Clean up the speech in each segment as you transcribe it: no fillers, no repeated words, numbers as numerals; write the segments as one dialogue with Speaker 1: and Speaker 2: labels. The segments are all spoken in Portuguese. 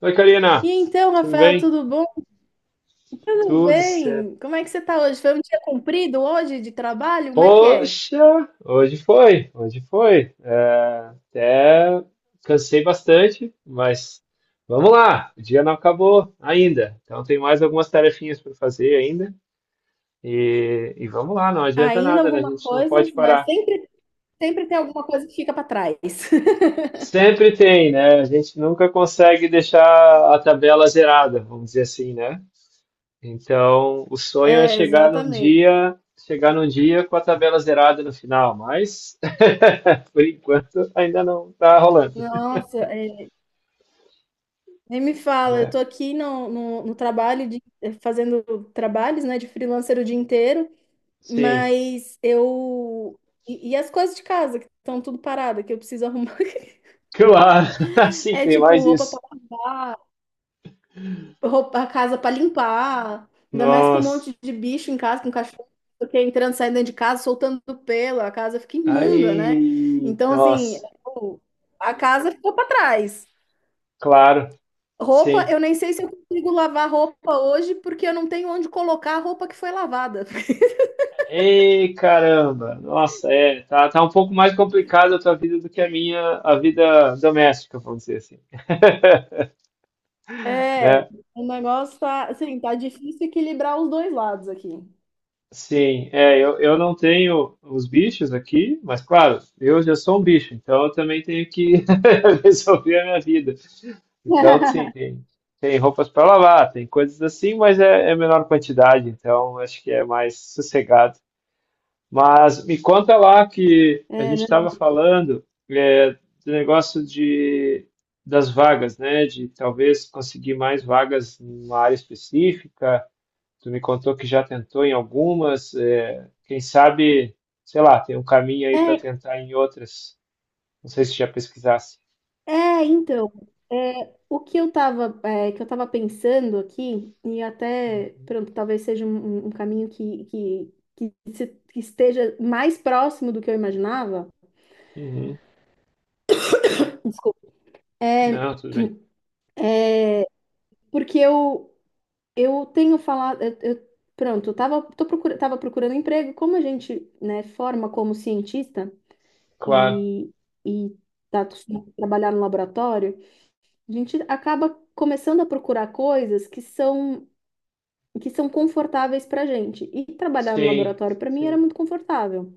Speaker 1: Oi, Karina.
Speaker 2: E então,
Speaker 1: Tudo
Speaker 2: Rafael,
Speaker 1: bem?
Speaker 2: tudo bom? Tudo
Speaker 1: Tudo certo.
Speaker 2: bem? Como é que você tá hoje? Foi um dia comprido hoje de trabalho? Como é que é?
Speaker 1: Poxa, hoje foi. Até cansei bastante, mas vamos lá. O dia não acabou ainda. Então tem mais algumas tarefinhas para fazer ainda. E vamos lá, não adianta
Speaker 2: Ainda
Speaker 1: nada, né? A
Speaker 2: alguma
Speaker 1: gente não
Speaker 2: coisa,
Speaker 1: pode
Speaker 2: né?
Speaker 1: parar.
Speaker 2: Sempre tem alguma coisa que fica para trás.
Speaker 1: Sempre tem, né? A gente nunca consegue deixar a tabela zerada, vamos dizer assim, né? Então, o sonho é
Speaker 2: É, exatamente.
Speaker 1: chegar num dia com a tabela zerada no final, mas por enquanto ainda não está rolando,
Speaker 2: Nossa, nem me fala, eu
Speaker 1: né?
Speaker 2: tô aqui no trabalho de fazendo trabalhos, né, de freelancer o dia inteiro,
Speaker 1: Sim,
Speaker 2: mas eu e as coisas de casa que estão tudo parada, que eu preciso arrumar.
Speaker 1: claro, sim,
Speaker 2: É
Speaker 1: tem
Speaker 2: tipo
Speaker 1: mais
Speaker 2: roupa
Speaker 1: isso.
Speaker 2: para lavar. Roupa, a casa para limpar, ainda mais com um
Speaker 1: Nossa,
Speaker 2: monte de bicho em casa, com cachorro, porque entrando, saindo dentro de casa, soltando pelo, a casa fica imunda, né?
Speaker 1: aí,
Speaker 2: Então, assim,
Speaker 1: nossa,
Speaker 2: eu- a casa ficou para trás.
Speaker 1: claro,
Speaker 2: Roupa,
Speaker 1: sim.
Speaker 2: eu nem sei se eu consigo lavar roupa hoje, porque eu não tenho onde colocar a roupa que foi lavada.
Speaker 1: Ei, caramba, nossa, tá um pouco mais complicada a tua vida do que a minha, a vida doméstica, vamos dizer assim,
Speaker 2: É,
Speaker 1: né?
Speaker 2: o negócio tá, assim, tá difícil equilibrar os dois lados aqui.
Speaker 1: Sim, é, eu não tenho os bichos aqui, mas claro, eu já sou um bicho, então eu também tenho que resolver a minha vida. Então, sim, tem roupas para lavar, tem coisas assim, mas é menor quantidade, então acho que é mais sossegado. Mas me conta lá que a
Speaker 2: É,
Speaker 1: gente
Speaker 2: né?
Speaker 1: estava falando é, do negócio de, das vagas, né? De talvez conseguir mais vagas em uma área específica. Tu me contou que já tentou em algumas, quem sabe, sei lá, tem um caminho aí para
Speaker 2: É,
Speaker 1: tentar em outras. Não sei se já pesquisasse.
Speaker 2: Então, o que eu tava, é, que eu tava pensando aqui, e até,
Speaker 1: Uhum.
Speaker 2: pronto, talvez seja um caminho que, se- que esteja mais próximo do que eu imaginava,
Speaker 1: Uhum.
Speaker 2: desculpa, é
Speaker 1: Não, tudo bem.
Speaker 2: porque eu tenho falado, pronto, eu tava, tô procura, tava procurando emprego, como a gente, né, forma como cientista
Speaker 1: Claro.
Speaker 2: e, e tá acostumado a trabalhar no laboratório, a gente acaba começando a procurar coisas que são confortáveis para a gente. E trabalhar no
Speaker 1: Sim,
Speaker 2: laboratório para mim era
Speaker 1: sim.
Speaker 2: muito confortável.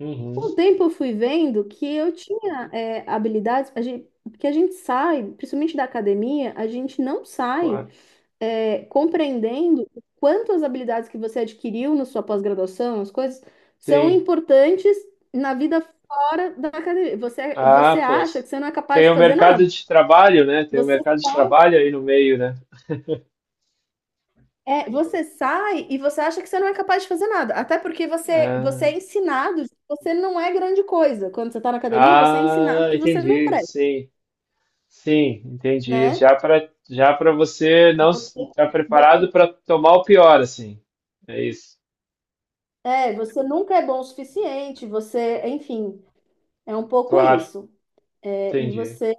Speaker 1: Uhum.
Speaker 2: Com o tempo eu fui vendo que eu tinha habilidades, a gente, porque a gente sai, principalmente da academia, a gente não sai
Speaker 1: Claro.
Speaker 2: compreendendo o quanto as habilidades que você adquiriu na sua pós-graduação, as coisas, são
Speaker 1: Sim.
Speaker 2: importantes na vida fora da academia. Você, é,
Speaker 1: Ah,
Speaker 2: você
Speaker 1: pois.
Speaker 2: acha que você não é capaz
Speaker 1: Tem
Speaker 2: de
Speaker 1: o
Speaker 2: fazer
Speaker 1: mercado
Speaker 2: nada.
Speaker 1: de trabalho, né? Tem o
Speaker 2: Você
Speaker 1: mercado de trabalho aí no meio, né?
Speaker 2: você sai e você acha que você não é capaz de fazer nada. Até porque você
Speaker 1: Ah,
Speaker 2: é ensinado que você não é grande coisa. Quando você está na academia, você é ensinado
Speaker 1: ah,
Speaker 2: que você não
Speaker 1: entendi.
Speaker 2: presta,
Speaker 1: Sim. Sim, entendi.
Speaker 2: né?
Speaker 1: Já para você não
Speaker 2: Você,
Speaker 1: estar preparado
Speaker 2: você-
Speaker 1: para tomar o pior, assim. É isso.
Speaker 2: você nunca é bom o suficiente, você, enfim, é um pouco
Speaker 1: Claro,
Speaker 2: isso. É, e
Speaker 1: entendi.
Speaker 2: você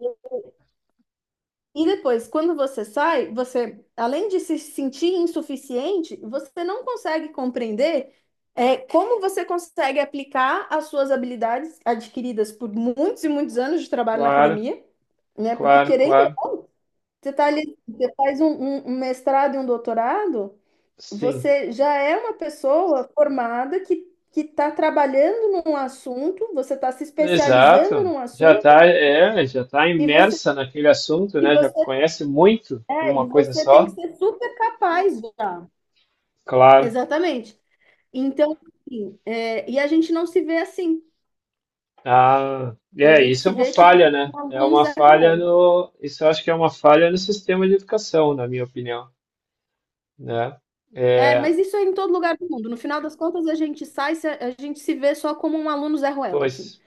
Speaker 2: E depois, quando você sai, você, além de se sentir insuficiente, você não consegue compreender como você consegue aplicar as suas habilidades adquiridas por muitos e muitos anos de trabalho na
Speaker 1: Claro,
Speaker 2: academia, né? Porque
Speaker 1: claro,
Speaker 2: querendo ou
Speaker 1: claro.
Speaker 2: não, você tá ali, você faz um mestrado e um doutorado,
Speaker 1: Sim.
Speaker 2: você já é uma pessoa formada que está trabalhando num assunto, você está se especializando
Speaker 1: Exato.
Speaker 2: num
Speaker 1: Já
Speaker 2: assunto
Speaker 1: tá, é, já tá
Speaker 2: e você
Speaker 1: imersa naquele assunto,
Speaker 2: e
Speaker 1: né? Já
Speaker 2: você
Speaker 1: conhece muito de
Speaker 2: É,
Speaker 1: uma
Speaker 2: e
Speaker 1: coisa
Speaker 2: você tem que
Speaker 1: só.
Speaker 2: ser super capaz já.
Speaker 1: Claro.
Speaker 2: Exatamente. Então, assim, e a gente não se vê assim.
Speaker 1: Ah,
Speaker 2: A
Speaker 1: é,
Speaker 2: gente
Speaker 1: isso é
Speaker 2: se
Speaker 1: uma
Speaker 2: vê, tipo,
Speaker 1: falha, né?
Speaker 2: como
Speaker 1: É
Speaker 2: alunos
Speaker 1: uma falha
Speaker 2: zero.
Speaker 1: no, isso eu acho que é uma falha no sistema de educação, na minha opinião, né?
Speaker 2: É,
Speaker 1: É,
Speaker 2: mas isso é em todo lugar do mundo. No final das contas, a gente sai, a gente se vê só como um aluno Zé Ruela, assim.
Speaker 1: pois.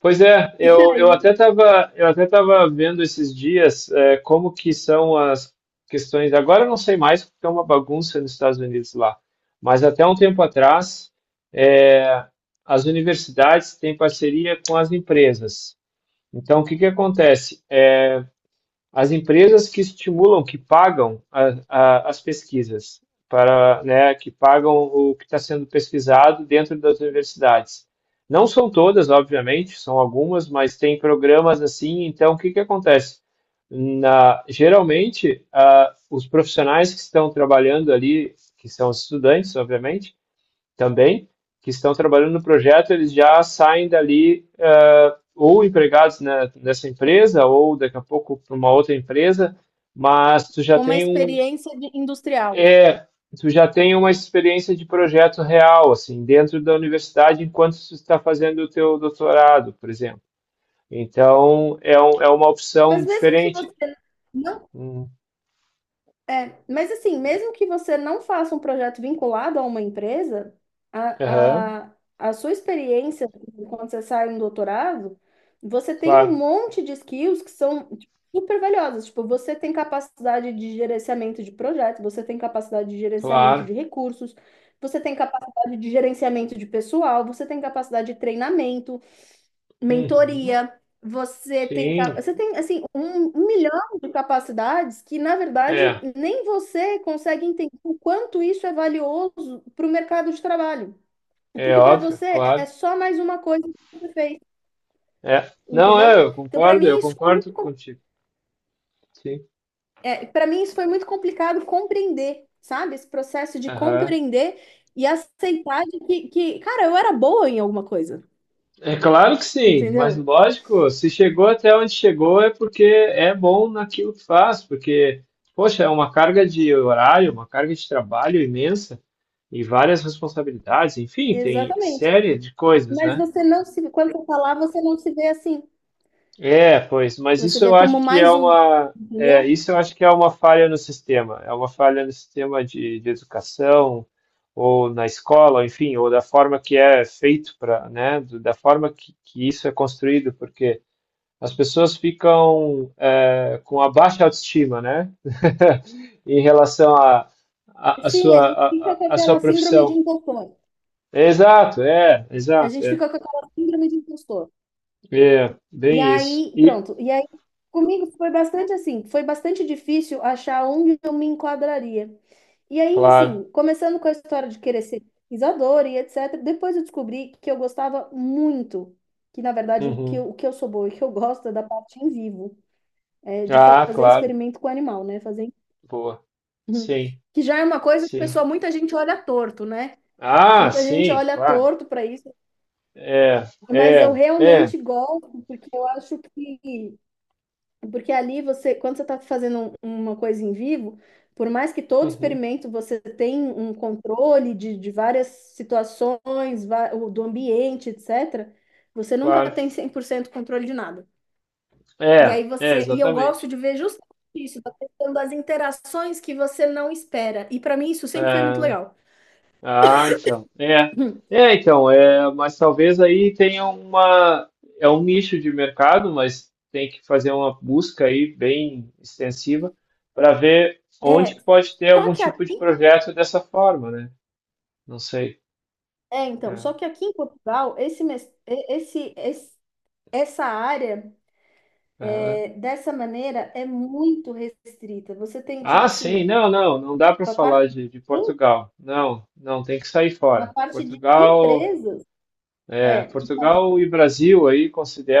Speaker 1: Pois é,
Speaker 2: E
Speaker 1: eu, eu
Speaker 2: aí,
Speaker 1: até estava eu até tava vendo esses dias é, como que são as questões. Agora eu não sei mais porque é uma bagunça nos Estados Unidos lá, mas até um tempo atrás é, as universidades têm parceria com as empresas. Então o que que acontece? É, as empresas que estimulam, que pagam as pesquisas, para, né, que pagam o que está sendo pesquisado dentro das universidades. Não são todas, obviamente, são algumas, mas tem programas assim. Então, o que, que acontece? Na, geralmente, os profissionais que estão trabalhando ali, que são os estudantes, obviamente, também, que estão trabalhando no projeto, eles já saem dali ou empregados né, nessa empresa, ou daqui a pouco para uma outra empresa, mas tu já
Speaker 2: com uma
Speaker 1: tem um.
Speaker 2: experiência industrial.
Speaker 1: É, tu já tem uma experiência de projeto real, assim, dentro da universidade, enquanto tu está fazendo o teu doutorado, por exemplo. Então, é, um, é uma opção
Speaker 2: Mas mesmo que
Speaker 1: diferente.
Speaker 2: você não
Speaker 1: Hum,
Speaker 2: Mas assim, mesmo que você não faça um projeto vinculado a uma empresa,
Speaker 1: aham,
Speaker 2: a sua experiência quando você sai um doutorado, você tem um
Speaker 1: claro,
Speaker 2: monte de skills que são tipo, super valiosas. Tipo, você tem capacidade de gerenciamento de projetos, você tem capacidade de gerenciamento
Speaker 1: claro.
Speaker 2: de recursos, você tem capacidade de gerenciamento de pessoal, você tem capacidade de treinamento
Speaker 1: Uhum,
Speaker 2: mentoria, você tem, ca-
Speaker 1: sim,
Speaker 2: você tem assim um, um milhão de capacidades que, na verdade,
Speaker 1: é,
Speaker 2: nem você consegue entender o quanto isso é valioso para o mercado de trabalho.
Speaker 1: é
Speaker 2: Porque para
Speaker 1: óbvio,
Speaker 2: você
Speaker 1: claro.
Speaker 2: é só mais uma coisa que você fez,
Speaker 1: É, não,
Speaker 2: entendeu?
Speaker 1: é, eu
Speaker 2: Então, para
Speaker 1: concordo,
Speaker 2: mim
Speaker 1: eu
Speaker 2: isso foi
Speaker 1: concordo
Speaker 2: muito, com-
Speaker 1: contigo. Sim.
Speaker 2: é, para mim isso foi muito complicado compreender, sabe? Esse processo de
Speaker 1: Aham.
Speaker 2: compreender e aceitar de que, cara, eu era boa em alguma coisa,
Speaker 1: É claro que sim, mas
Speaker 2: entendeu?
Speaker 1: lógico, se chegou até onde chegou é porque é bom naquilo que faz, porque, poxa, é uma carga de horário, uma carga de trabalho imensa e várias responsabilidades, enfim, tem
Speaker 2: Exatamente.
Speaker 1: série de coisas,
Speaker 2: Mas
Speaker 1: né?
Speaker 2: você não se, quando você falar, você não se vê assim.
Speaker 1: É, pois, mas
Speaker 2: Você
Speaker 1: isso eu
Speaker 2: vê como
Speaker 1: acho que é
Speaker 2: mais um,
Speaker 1: uma, é,
Speaker 2: entendeu?
Speaker 1: isso eu acho que é uma falha no sistema, é uma falha no sistema de educação, ou na escola, enfim, ou da forma que é feito para, né, do- da forma que isso é construído, porque as pessoas ficam é, com a baixa autoestima, né, em relação à
Speaker 2: Sim, a gente fica com
Speaker 1: a
Speaker 2: aquela
Speaker 1: sua
Speaker 2: síndrome de
Speaker 1: profissão.
Speaker 2: impostor. A
Speaker 1: Exato,
Speaker 2: gente
Speaker 1: é,
Speaker 2: fica com aquela síndrome de impostor.
Speaker 1: é,
Speaker 2: E
Speaker 1: bem isso.
Speaker 2: aí,
Speaker 1: E,
Speaker 2: pronto. E aí, comigo foi bastante difícil achar onde eu me enquadraria. E aí,
Speaker 1: claro,
Speaker 2: assim, começando com a história de querer ser pesquisadora e etc., depois eu descobri que eu gostava muito, que na verdade o que
Speaker 1: uhum.
Speaker 2: eu, o que eu sou boa e que eu gosto é da parte em vivo, é de
Speaker 1: Ah,
Speaker 2: fazer
Speaker 1: claro.
Speaker 2: experimento com animal, né? Fazer
Speaker 1: Boa.
Speaker 2: Uhum.
Speaker 1: Sim,
Speaker 2: Que já é uma coisa que,
Speaker 1: sim.
Speaker 2: pessoal, muita gente olha torto, né?
Speaker 1: Ah,
Speaker 2: Muita gente
Speaker 1: sim,
Speaker 2: olha
Speaker 1: claro.
Speaker 2: torto para isso,
Speaker 1: É,
Speaker 2: mas eu
Speaker 1: é, é.
Speaker 2: realmente gosto, porque eu acho que. Porque ali você, quando você está fazendo uma coisa em vivo, por mais que todo
Speaker 1: Uhum,
Speaker 2: experimento você tem um controle de várias situações, do ambiente, etc., você nunca
Speaker 1: claro.
Speaker 2: tem 100% controle de nada. E
Speaker 1: É,
Speaker 2: aí
Speaker 1: é,
Speaker 2: você. E eu gosto
Speaker 1: exatamente.
Speaker 2: de ver justamente isso, da questão das interações que você não espera. E para mim isso sempre foi muito
Speaker 1: É.
Speaker 2: legal.
Speaker 1: Ah, então. É. É, então, é, mas talvez aí tenha uma, é um nicho de mercado, mas tem que fazer uma busca aí bem extensiva para ver
Speaker 2: É,
Speaker 1: onde que pode ter
Speaker 2: só
Speaker 1: algum
Speaker 2: que
Speaker 1: tipo de
Speaker 2: aqui,
Speaker 1: projeto dessa forma, né? Não sei.
Speaker 2: é, então,
Speaker 1: É,
Speaker 2: só que aqui em Portugal, esse, mes- e- esse- essa área,
Speaker 1: é.
Speaker 2: dessa maneira, é muito restrita. Você tem, tipo
Speaker 1: Ah, sim,
Speaker 2: assim,
Speaker 1: não, não, não dá para
Speaker 2: a parte,
Speaker 1: falar de Portugal. Não, não, tem que sair
Speaker 2: na
Speaker 1: fora.
Speaker 2: parte de
Speaker 1: Portugal,
Speaker 2: empresas,
Speaker 1: é,
Speaker 2: é,
Speaker 1: Portugal e Brasil aí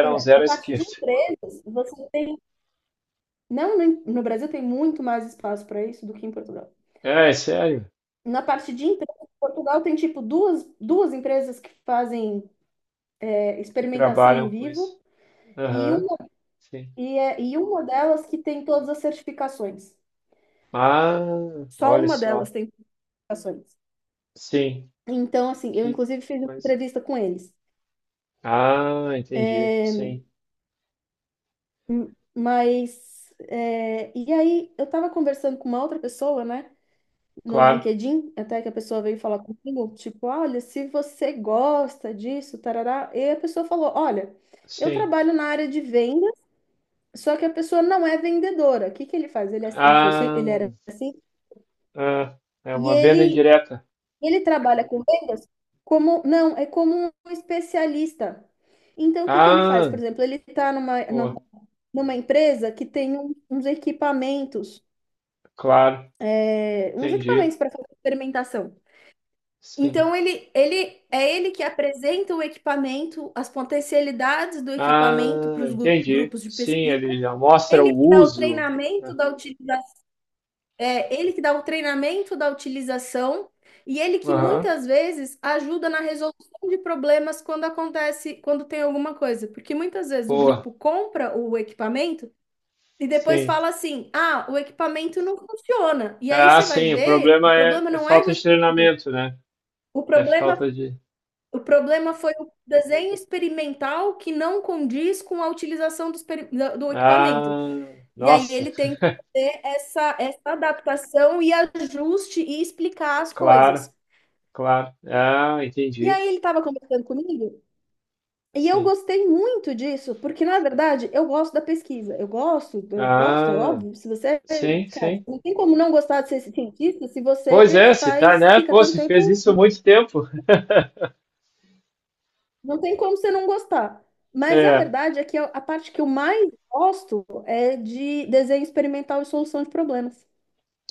Speaker 2: pois é,
Speaker 1: zero
Speaker 2: na
Speaker 1: à
Speaker 2: parte de
Speaker 1: esquerda.
Speaker 2: empresas, você tem, não, no Brasil tem muito mais espaço para isso do que em Portugal.
Speaker 1: É, é sério,
Speaker 2: Na parte de empresas, Portugal tem, tipo, duas empresas que fazem,
Speaker 1: que
Speaker 2: experimentação em
Speaker 1: trabalham com isso.
Speaker 2: vivo, e
Speaker 1: Aham,
Speaker 2: uma
Speaker 1: sim.
Speaker 2: e uma delas que tem todas as certificações.
Speaker 1: Ah,
Speaker 2: Só
Speaker 1: olha
Speaker 2: uma delas
Speaker 1: só.
Speaker 2: tem certificações.
Speaker 1: Sim,
Speaker 2: Então, assim, eu
Speaker 1: que
Speaker 2: inclusive fiz uma
Speaker 1: coisa.
Speaker 2: entrevista com eles.
Speaker 1: Ah, entendi. Sim,
Speaker 2: Mas, e aí eu tava conversando com uma outra pessoa, né, no
Speaker 1: claro,
Speaker 2: LinkedIn, até que a pessoa veio falar comigo, tipo, olha, se você gosta disso, tarará. E a pessoa falou, olha, eu
Speaker 1: sim.
Speaker 2: trabalho na área de venda, só que a pessoa não é vendedora. O que que ele faz? Ele, é- ele foi, ci-
Speaker 1: Ah,
Speaker 2: ele era assim,
Speaker 1: ah, é
Speaker 2: e
Speaker 1: uma venda
Speaker 2: ele
Speaker 1: indireta.
Speaker 2: Ele trabalha com vendas como, não, é como um especialista. Então, o que que ele faz? Por
Speaker 1: Ah,
Speaker 2: exemplo, ele está numa, numa,
Speaker 1: pô,
Speaker 2: numa empresa que tem um- uns equipamentos,
Speaker 1: claro,
Speaker 2: é, uns
Speaker 1: entendi.
Speaker 2: equipamentos para fazer fermentação.
Speaker 1: Sim.
Speaker 2: Então, ele é ele que apresenta o equipamento, as potencialidades do equipamento
Speaker 1: Ah,
Speaker 2: para os
Speaker 1: entendi.
Speaker 2: grupos de
Speaker 1: Sim,
Speaker 2: pesquisa.
Speaker 1: ele já mostra o
Speaker 2: Ele que dá o
Speaker 1: uso.
Speaker 2: treinamento
Speaker 1: Né?
Speaker 2: da utilização É ele que dá o treinamento da utilização e ele que
Speaker 1: Aham,
Speaker 2: muitas vezes ajuda na resolução de problemas quando acontece, quando tem alguma coisa. Porque muitas vezes o
Speaker 1: boa.
Speaker 2: grupo compra o equipamento e depois
Speaker 1: Sim.
Speaker 2: fala assim: ah, o equipamento não funciona. E aí
Speaker 1: Ah,
Speaker 2: você vai
Speaker 1: sim, o
Speaker 2: ver, o
Speaker 1: problema é,
Speaker 2: problema
Speaker 1: é
Speaker 2: não é do
Speaker 1: falta de
Speaker 2: equipamento.
Speaker 1: treinamento, né?
Speaker 2: O
Speaker 1: É
Speaker 2: problema,
Speaker 1: falta de.
Speaker 2: o problema foi o desenho experimental que não condiz com a utilização do equipamento.
Speaker 1: Ah,
Speaker 2: E aí
Speaker 1: nossa,
Speaker 2: ele tem que fazer essa adaptação e ajuste e explicar as
Speaker 1: claro,
Speaker 2: coisas.
Speaker 1: claro. Ah,
Speaker 2: E
Speaker 1: entendi.
Speaker 2: aí ele estava conversando comigo e eu
Speaker 1: Sim.
Speaker 2: gostei muito disso, porque na verdade eu gosto da pesquisa. Eu gosto, é
Speaker 1: Ah,
Speaker 2: óbvio. Se você,
Speaker 1: sim,
Speaker 2: cara,
Speaker 1: sim.
Speaker 2: não tem como não gostar de ser cientista se você
Speaker 1: Pois é, se tá,
Speaker 2: faz,
Speaker 1: né?
Speaker 2: fica
Speaker 1: Pô,
Speaker 2: tanto
Speaker 1: se fez
Speaker 2: tempo,
Speaker 1: isso há muito tempo.
Speaker 2: não tem como você não gostar. Mas a
Speaker 1: É.
Speaker 2: verdade é que a parte que eu mais gosto é de desenho experimental e solução de problemas.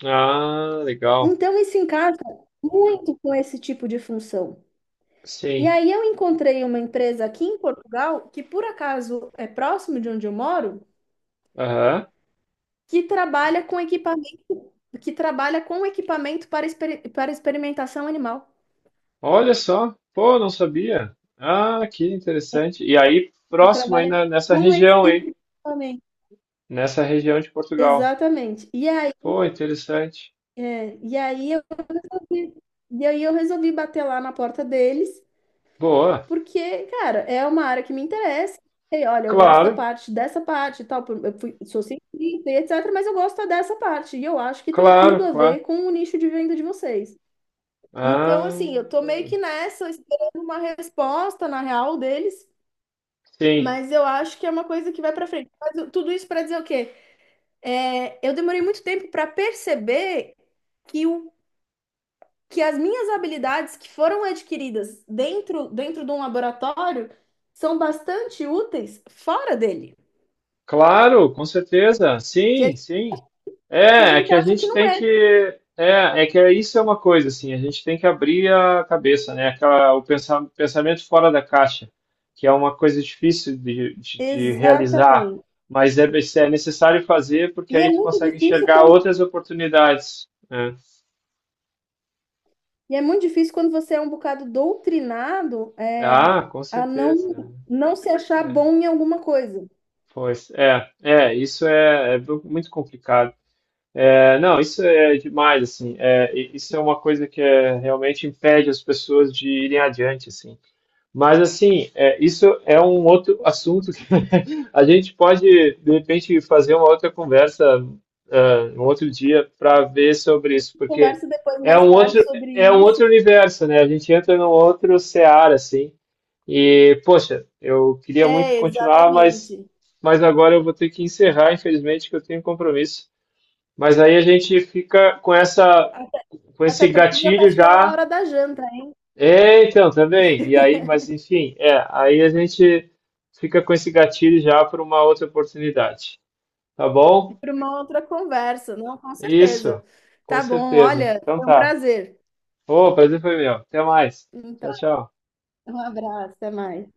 Speaker 1: Ah, legal.
Speaker 2: Então, isso encaixa muito com esse tipo de função. E
Speaker 1: Sim.
Speaker 2: aí, eu encontrei uma empresa aqui em Portugal, que por acaso é próximo de onde eu moro,
Speaker 1: Aham.
Speaker 2: que trabalha com equipamento, que trabalha com equipamento para experimentação animal,
Speaker 1: Olha só, pô, não sabia. Ah, que interessante. E aí,
Speaker 2: que
Speaker 1: próximo aí
Speaker 2: trabalha
Speaker 1: na- nessa
Speaker 2: com esse
Speaker 1: região
Speaker 2: tipo
Speaker 1: aí,
Speaker 2: de equipamento.
Speaker 1: nessa região de Portugal.
Speaker 2: Exatamente. E aí,
Speaker 1: Pô, interessante.
Speaker 2: é, e aí eu resolvi, e aí eu resolvi bater lá na porta deles.
Speaker 1: Boa.
Speaker 2: Porque, cara, é uma área que me interessa. E, olha, eu gosto da
Speaker 1: Claro,
Speaker 2: parte dessa parte e tal. Sou cientista e etc., mas eu gosto dessa parte. E eu acho que tem tudo
Speaker 1: claro,
Speaker 2: a ver
Speaker 1: claro.
Speaker 2: com o nicho de venda de vocês. Então,
Speaker 1: Ah,
Speaker 2: assim, eu tô meio que nessa, esperando uma resposta, na real, deles.
Speaker 1: sim.
Speaker 2: Mas eu acho que é uma coisa que vai pra frente. Tudo isso pra dizer o quê? É, eu demorei muito tempo pra perceber que o que as minhas habilidades que foram adquiridas dentro, de um laboratório são bastante úteis fora dele,
Speaker 1: Claro, com certeza.
Speaker 2: que a,
Speaker 1: Sim, sim.
Speaker 2: que a
Speaker 1: É, é
Speaker 2: gente
Speaker 1: que a
Speaker 2: acha que
Speaker 1: gente
Speaker 2: não
Speaker 1: tem que.
Speaker 2: é.
Speaker 1: É, é que isso é uma coisa, assim, a gente tem que abrir a cabeça, né? Aquela, o pensa- pensamento fora da caixa, que é uma coisa difícil de realizar,
Speaker 2: Exatamente.
Speaker 1: mas é, é necessário fazer porque
Speaker 2: E é
Speaker 1: aí tu
Speaker 2: muito
Speaker 1: consegue
Speaker 2: difícil
Speaker 1: enxergar outras oportunidades, né?
Speaker 2: quando você é um bocado doutrinado,
Speaker 1: Ah, com
Speaker 2: a não,
Speaker 1: certeza.
Speaker 2: não se achar
Speaker 1: É,
Speaker 2: bom em alguma coisa.
Speaker 1: pois, é, é, isso é, é muito complicado. É, não, isso é demais, assim, é, e- isso é uma coisa que é, realmente impede as pessoas de irem adiante, assim. Mas, assim, é, isso é um outro assunto que a gente pode, de repente, fazer uma outra conversa, ah, um outro dia para ver sobre isso, porque
Speaker 2: Conversa depois,
Speaker 1: é
Speaker 2: mais
Speaker 1: um
Speaker 2: tarde,
Speaker 1: outro,
Speaker 2: sobre
Speaker 1: é um outro
Speaker 2: isso.
Speaker 1: universo, né? A gente entra num outro seara, assim, e, poxa, eu queria muito
Speaker 2: É,
Speaker 1: continuar,
Speaker 2: exatamente.
Speaker 1: mas agora eu vou ter que encerrar, infelizmente, que eu tenho um compromisso. Mas aí a gente fica com essa,
Speaker 2: Até,
Speaker 1: com
Speaker 2: até
Speaker 1: esse
Speaker 2: porque já
Speaker 1: gatilho
Speaker 2: passou a
Speaker 1: já.
Speaker 2: hora da janta.
Speaker 1: É, então, também. E aí, mas enfim, é, aí a gente fica com esse gatilho já para uma outra oportunidade. Tá bom?
Speaker 2: Para uma outra conversa, não, com
Speaker 1: Isso,
Speaker 2: certeza.
Speaker 1: com
Speaker 2: Tá bom,
Speaker 1: certeza.
Speaker 2: olha,
Speaker 1: Então
Speaker 2: foi um
Speaker 1: tá.
Speaker 2: prazer.
Speaker 1: Ô, prazer foi meu. Até mais.
Speaker 2: Então,
Speaker 1: Tchau, tchau.
Speaker 2: um abraço, até mais.